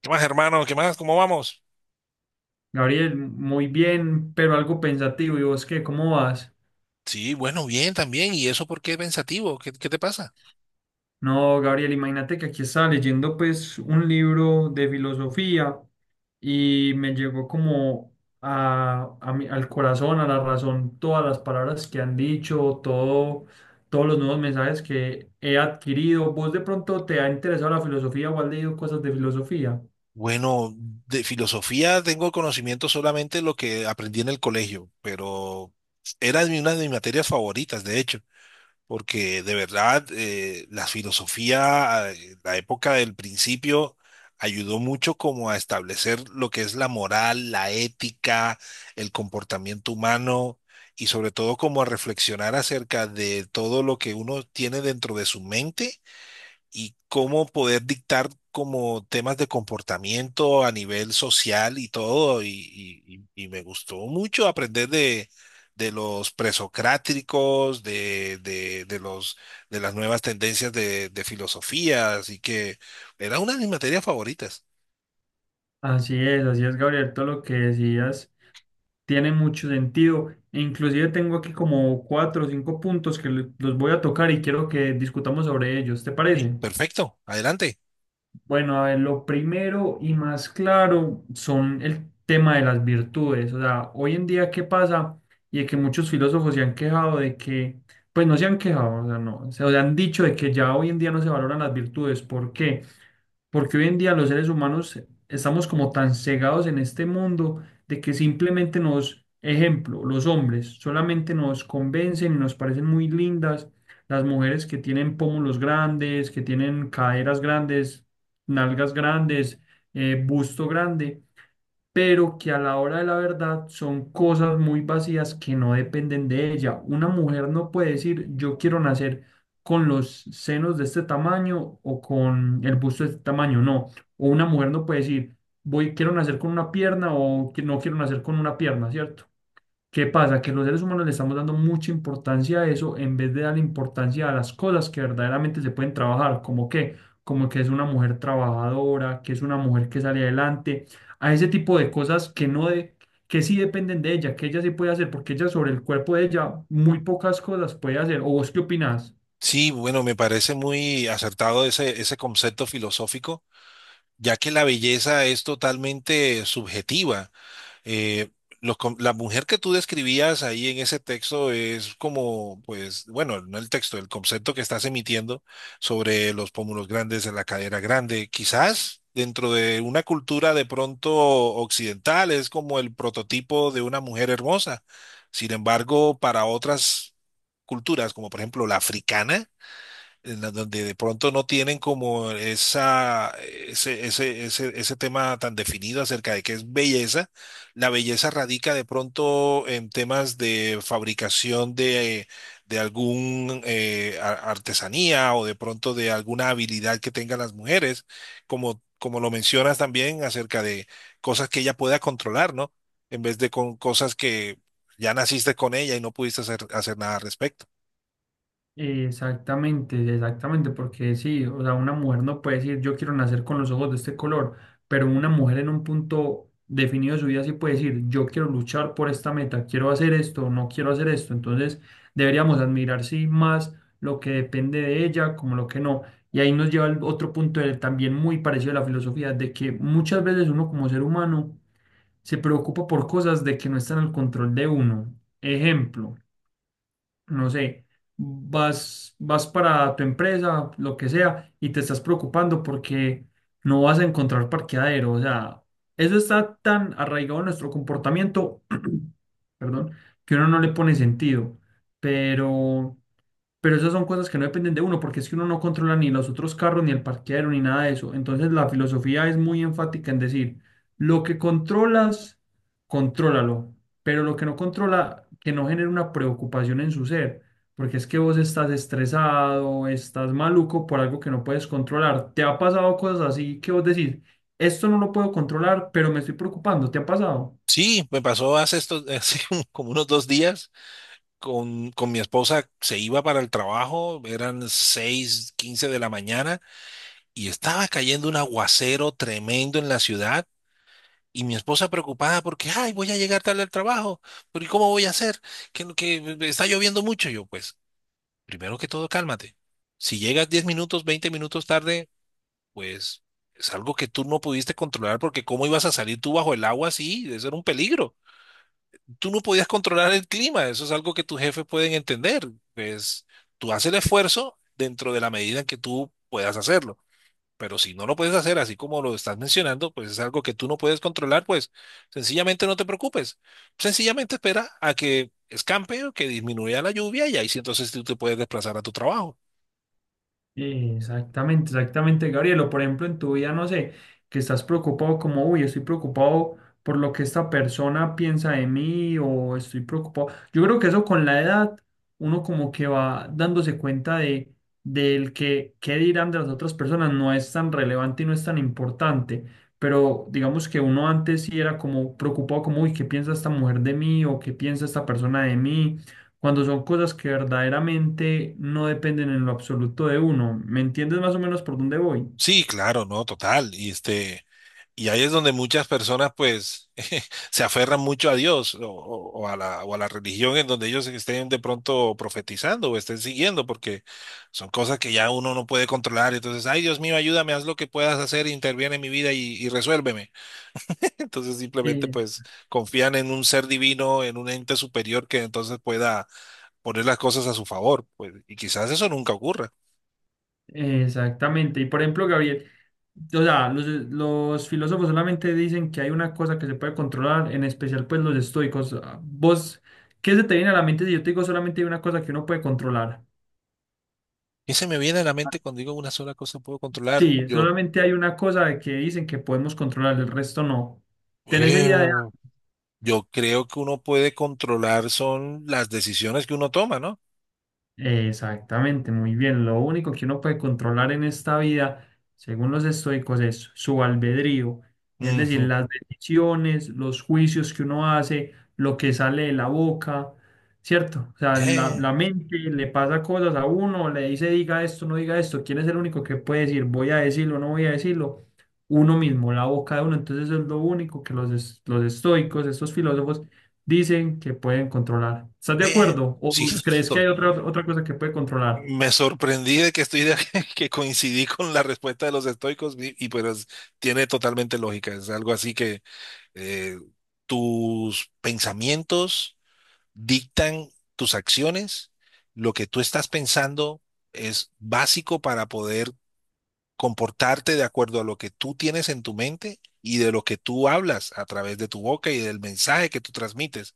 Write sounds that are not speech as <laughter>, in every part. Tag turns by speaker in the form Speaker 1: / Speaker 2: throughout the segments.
Speaker 1: ¿Qué más, hermano? ¿Qué más? ¿Cómo vamos?
Speaker 2: Gabriel, muy bien, pero algo pensativo. ¿Y vos qué? ¿Cómo vas?
Speaker 1: Sí, bueno, bien también. ¿Y eso por qué pensativo? ¿Qué te pasa?
Speaker 2: No, Gabriel, imagínate que aquí estaba leyendo pues un libro de filosofía y me llegó como al corazón, a la razón, todas las palabras que han dicho, todo, todos los nuevos mensajes que he adquirido. ¿Vos de pronto te ha interesado la filosofía o has leído cosas de filosofía?
Speaker 1: Bueno, de filosofía tengo conocimiento solamente lo que aprendí en el colegio, pero era de una de mis materias favoritas, de hecho. Porque de verdad la filosofía, la época del principio, ayudó mucho como a establecer lo que es la moral, la ética, el comportamiento humano y sobre todo como a reflexionar acerca de todo lo que uno tiene dentro de su mente y cómo poder dictar como temas de comportamiento a nivel social y todo, y me gustó mucho aprender de los presocráticos, de los, de las nuevas tendencias de filosofía, así que era una de mis materias favoritas.
Speaker 2: Así es, Gabriel, todo lo que decías. Tiene mucho sentido. E inclusive tengo aquí como cuatro o cinco puntos que los voy a tocar y quiero que discutamos sobre ellos. ¿Te
Speaker 1: Sí,
Speaker 2: parece?
Speaker 1: perfecto, adelante.
Speaker 2: Bueno, a ver, lo primero y más claro son el tema de las virtudes. O sea, hoy en día, ¿qué pasa? Y de que muchos filósofos se han quejado de que, pues no se han quejado, o sea, no, se o sea, han dicho de que ya hoy en día no se valoran las virtudes. ¿Por qué? Porque hoy en día los seres humanos estamos como tan cegados en este mundo de que simplemente nos, ejemplo, los hombres solamente nos convencen y nos parecen muy lindas las mujeres que tienen pómulos grandes, que tienen caderas grandes, nalgas grandes, busto grande, pero que a la hora de la verdad son cosas muy vacías que no dependen de ella. Una mujer no puede decir yo quiero nacer con los senos de este tamaño o con el busto de este tamaño, no. O una mujer no puede decir voy quiero nacer con una pierna o que no quiero nacer con una pierna, ¿cierto? ¿Qué pasa? Que los seres humanos le estamos dando mucha importancia a eso en vez de dar importancia a las cosas que verdaderamente se pueden trabajar, como que es una mujer trabajadora, que es una mujer que sale adelante, a ese tipo de cosas que no de, que sí dependen de ella, que ella sí puede hacer, porque ella sobre el cuerpo de ella muy pocas cosas puede hacer. ¿O vos qué opinás?
Speaker 1: Sí, bueno, me parece muy acertado ese concepto filosófico, ya que la belleza es totalmente subjetiva. Eh, la mujer que tú describías ahí en ese texto es como, pues, bueno, no el texto, el concepto que estás emitiendo sobre los pómulos grandes, la cadera grande. Quizás dentro de una cultura de pronto occidental es como el prototipo de una mujer hermosa. Sin embargo, para otras culturas, como por ejemplo la africana, donde de pronto no tienen como esa, ese tema tan definido acerca de qué es belleza. La belleza radica de pronto en temas de fabricación de algún artesanía o de pronto de alguna habilidad que tengan las mujeres, como lo mencionas también acerca de cosas que ella pueda controlar, ¿no? En vez de con cosas que ya naciste con ella y no pudiste hacer nada al respecto.
Speaker 2: Exactamente, exactamente, porque sí, o sea, una mujer no puede decir yo quiero nacer con los ojos de este color, pero una mujer en un punto definido de su vida sí puede decir yo quiero luchar por esta meta, quiero hacer esto, no quiero hacer esto, entonces deberíamos admirar sí más lo que depende de ella como lo que no. Y ahí nos lleva al otro punto, también muy parecido a la filosofía, de que muchas veces uno como ser humano se preocupa por cosas de que no están al control de uno. Ejemplo, no sé, vas para tu empresa, lo que sea, y te estás preocupando porque no vas a encontrar parqueadero. O sea, eso está tan arraigado en nuestro comportamiento, <clears throat> perdón, que uno no le pone sentido. Pero pero esas son cosas que no dependen de uno, porque es que uno no controla ni los otros carros, ni el parqueadero, ni nada de eso. Entonces la filosofía es muy enfática en decir, lo que controlas, contrólalo, pero lo que no controla, que no genere una preocupación en su ser, porque es que vos estás estresado, estás maluco por algo que no puedes controlar. ¿Te ha pasado cosas así que vos decís, esto no lo puedo controlar, pero me estoy preocupando? ¿Te ha pasado?
Speaker 1: Sí, me pasó hace <laughs> como unos 2 días con mi esposa, se iba para el trabajo, eran 6:15 de la mañana y estaba cayendo un aguacero tremendo en la ciudad y mi esposa preocupada porque, ay, voy a llegar tarde al trabajo, pero ¿y cómo voy a hacer? Que, no, que está lloviendo mucho. Yo, pues, primero que todo, cálmate. Si llegas 10 minutos, 20 minutos tarde, pues es algo que tú no pudiste controlar porque ¿cómo ibas a salir tú bajo el agua así? Eso era un peligro. Tú no podías controlar el clima, eso es algo que tus jefes pueden entender, pues tú haces el esfuerzo dentro de la medida en que tú puedas hacerlo, pero si no lo puedes hacer así como lo estás mencionando, pues es algo que tú no puedes controlar, pues sencillamente no te preocupes, sencillamente espera a que escampe o que disminuya la lluvia y ahí sí entonces tú te puedes desplazar a tu trabajo.
Speaker 2: Exactamente, exactamente, Gabriel. O por ejemplo, en tu vida, no sé, que estás preocupado como, uy, estoy preocupado por lo que esta persona piensa de mí o estoy preocupado. Yo creo que eso con la edad, uno como que va dándose cuenta de del que qué dirán de las otras personas no es tan relevante y no es tan importante. Pero digamos que uno antes sí era como preocupado como, uy, ¿qué piensa esta mujer de mí o qué piensa esta persona de mí? Cuando son cosas que verdaderamente no dependen en lo absoluto de uno. ¿Me entiendes más o menos por dónde voy?
Speaker 1: Sí, claro, no, total, y este... Y ahí es donde muchas personas pues <laughs> se aferran mucho a Dios o a la religión en donde ellos estén de pronto profetizando o estén siguiendo, porque son cosas que ya uno no puede controlar. Entonces, ay Dios mío, ayúdame, haz lo que puedas hacer, interviene en mi vida y resuélveme. <laughs> Entonces simplemente
Speaker 2: Es-
Speaker 1: pues confían en un ser divino, en un ente superior que entonces pueda poner las cosas a su favor, pues, y quizás eso nunca ocurra.
Speaker 2: Exactamente. Y por ejemplo, Gabriel, o sea, los filósofos solamente dicen que hay una cosa que se puede controlar, en especial pues los estoicos. Ah, ¿vos qué se te viene a la mente si yo te digo solamente hay una cosa que uno puede controlar?
Speaker 1: Y se me viene a la mente cuando digo una sola cosa puedo controlar,
Speaker 2: Sí,
Speaker 1: yo...
Speaker 2: solamente hay una cosa que dicen que podemos controlar, el resto no. ¿Tenés idea?
Speaker 1: <laughs> Yo creo que uno puede controlar son las decisiones que uno toma, ¿no?
Speaker 2: Exactamente, muy bien. Lo único que uno puede controlar en esta vida, según los estoicos, es su albedrío, es decir,
Speaker 1: Ujú.
Speaker 2: las decisiones, los juicios que uno hace, lo que sale de la boca, ¿cierto? O sea, la,
Speaker 1: Eh,
Speaker 2: la mente le pasa cosas a uno, le dice diga esto, no diga esto. ¿Quién es el único que puede decir voy a decirlo, no voy a decirlo? Uno mismo, la boca de uno. Entonces, eso es lo único que los estoicos, estos filósofos, dicen que pueden controlar. ¿Estás de
Speaker 1: Ve,
Speaker 2: acuerdo?
Speaker 1: sí,
Speaker 2: ¿O crees que
Speaker 1: <laughs>
Speaker 2: hay otra, otra cosa que puede controlar?
Speaker 1: me sorprendí de que <laughs> que coincidí con la respuesta de los estoicos y pues tiene totalmente lógica. Es algo así que eh, tus pensamientos dictan tus acciones. Lo que tú estás pensando es básico para poder comportarte de acuerdo a lo que tú tienes en tu mente y de lo que tú hablas a través de tu boca y del mensaje que tú transmites.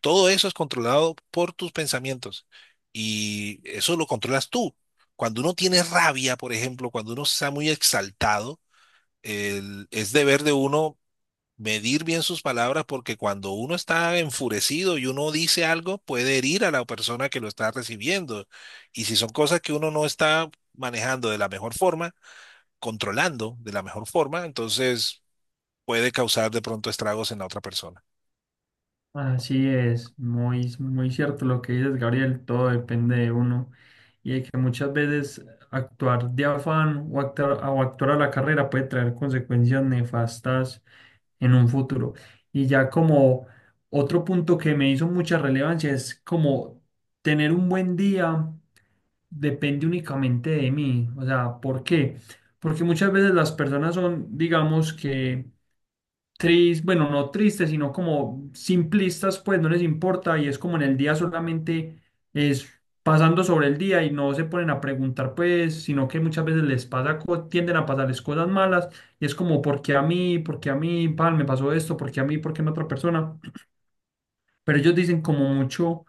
Speaker 1: Todo eso es controlado por tus pensamientos y eso lo controlas tú. Cuando uno tiene rabia, por ejemplo, cuando uno está muy exaltado, es deber de uno medir bien sus palabras porque cuando uno está enfurecido y uno dice algo, puede herir a la persona que lo está recibiendo. Y si son cosas que uno no está manejando de la mejor forma, controlando de la mejor forma, entonces puede causar de pronto estragos en la otra persona.
Speaker 2: Así es, muy, muy cierto lo que dices, Gabriel, todo depende de uno y de que muchas veces actuar de afán o actuar a la carrera puede traer consecuencias nefastas en un futuro. Y ya como otro punto que me hizo mucha relevancia es como tener un buen día depende únicamente de mí. O sea, ¿por qué? Porque muchas veces las personas son, digamos que tristes, bueno, no tristes, sino como simplistas, pues no les importa y es como en el día solamente es pasando sobre el día y no se ponen a preguntar, pues, sino que muchas veces les pasa, tienden a pasarles cosas malas y es como, ¿por qué a mí? ¿Por qué a mí? Pan, me pasó esto, ¿por qué a mí? ¿Por qué a otra persona? Pero ellos dicen como mucho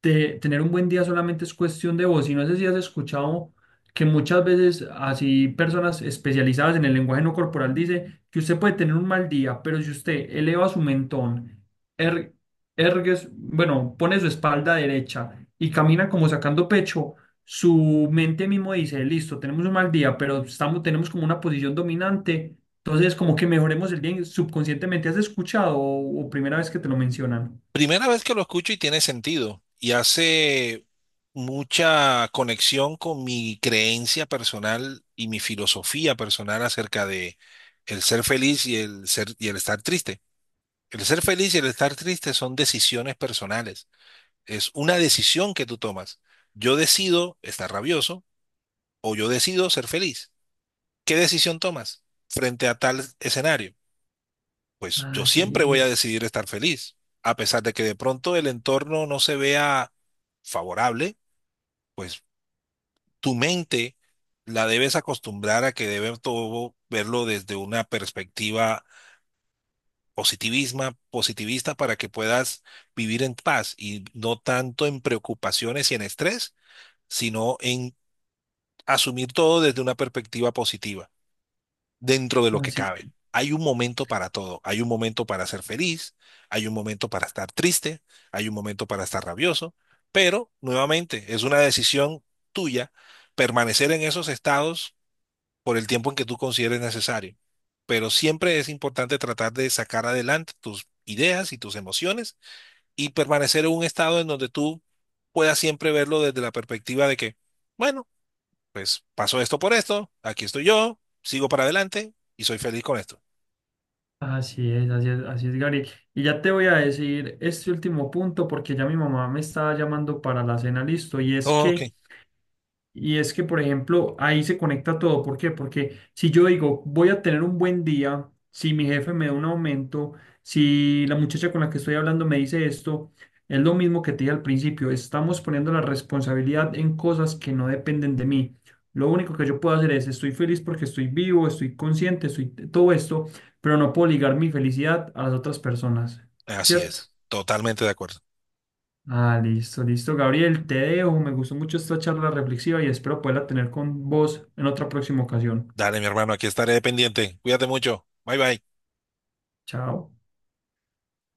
Speaker 2: tener un buen día solamente es cuestión de voz. Y no sé si has escuchado que muchas veces así personas especializadas en el lenguaje no corporal dice que usted puede tener un mal día, pero si usted eleva su mentón, er- ergue bueno, pone su espalda derecha y camina como sacando pecho, su mente mismo dice, listo, tenemos un mal día, pero estamos, tenemos como una posición dominante. Entonces, como que mejoremos el día subconscientemente. ¿Has escuchado o primera vez que te lo mencionan?
Speaker 1: Primera vez que lo escucho y tiene sentido. Y hace mucha conexión con mi creencia personal y mi filosofía personal acerca de el ser feliz y el ser y el estar triste. El ser feliz y el estar triste son decisiones personales. Es una decisión que tú tomas. Yo decido estar rabioso o yo decido ser feliz. ¿Qué decisión tomas frente a tal escenario? Pues yo
Speaker 2: Ah,
Speaker 1: siempre voy
Speaker 2: sí,
Speaker 1: a decidir estar feliz, a pesar de que de pronto el entorno no se vea favorable, pues tu mente la debes acostumbrar a que debe todo verlo desde una perspectiva positivista para que puedas vivir en paz y no tanto en preocupaciones y en estrés, sino en asumir todo desde una perspectiva positiva, dentro de lo que
Speaker 2: así.
Speaker 1: cabe. Hay un momento para todo, hay un momento para ser feliz, hay un momento para estar triste, hay un momento para estar rabioso, pero nuevamente es una decisión tuya permanecer en esos estados por el tiempo en que tú consideres necesario. Pero siempre es importante tratar de sacar adelante tus ideas y tus emociones y permanecer en un estado en donde tú puedas siempre verlo desde la perspectiva de que, bueno, pues pasó esto por esto, aquí estoy yo, sigo para adelante y soy feliz con esto.
Speaker 2: Así es, así es, así es, Gary. Y ya te voy a decir este último punto porque ya mi mamá me estaba llamando para la cena, listo.
Speaker 1: Ok,
Speaker 2: Y es que, por ejemplo, ahí se conecta todo. ¿Por qué? Porque si yo digo, voy a tener un buen día, si mi jefe me da un aumento, si la muchacha con la que estoy hablando me dice esto, es lo mismo que te dije al principio. Estamos poniendo la responsabilidad en cosas que no dependen de mí. Lo único que yo puedo hacer es, estoy feliz porque estoy vivo, estoy consciente, estoy todo esto, pero no puedo ligar mi felicidad a las otras personas,
Speaker 1: así
Speaker 2: ¿cierto?
Speaker 1: es, totalmente de acuerdo.
Speaker 2: Ah, listo, listo, Gabriel, te dejo. Me gustó mucho esta charla reflexiva y espero poderla tener con vos en otra próxima ocasión.
Speaker 1: Dale, mi hermano, aquí estaré pendiente. Cuídate mucho. Bye bye.
Speaker 2: Chao.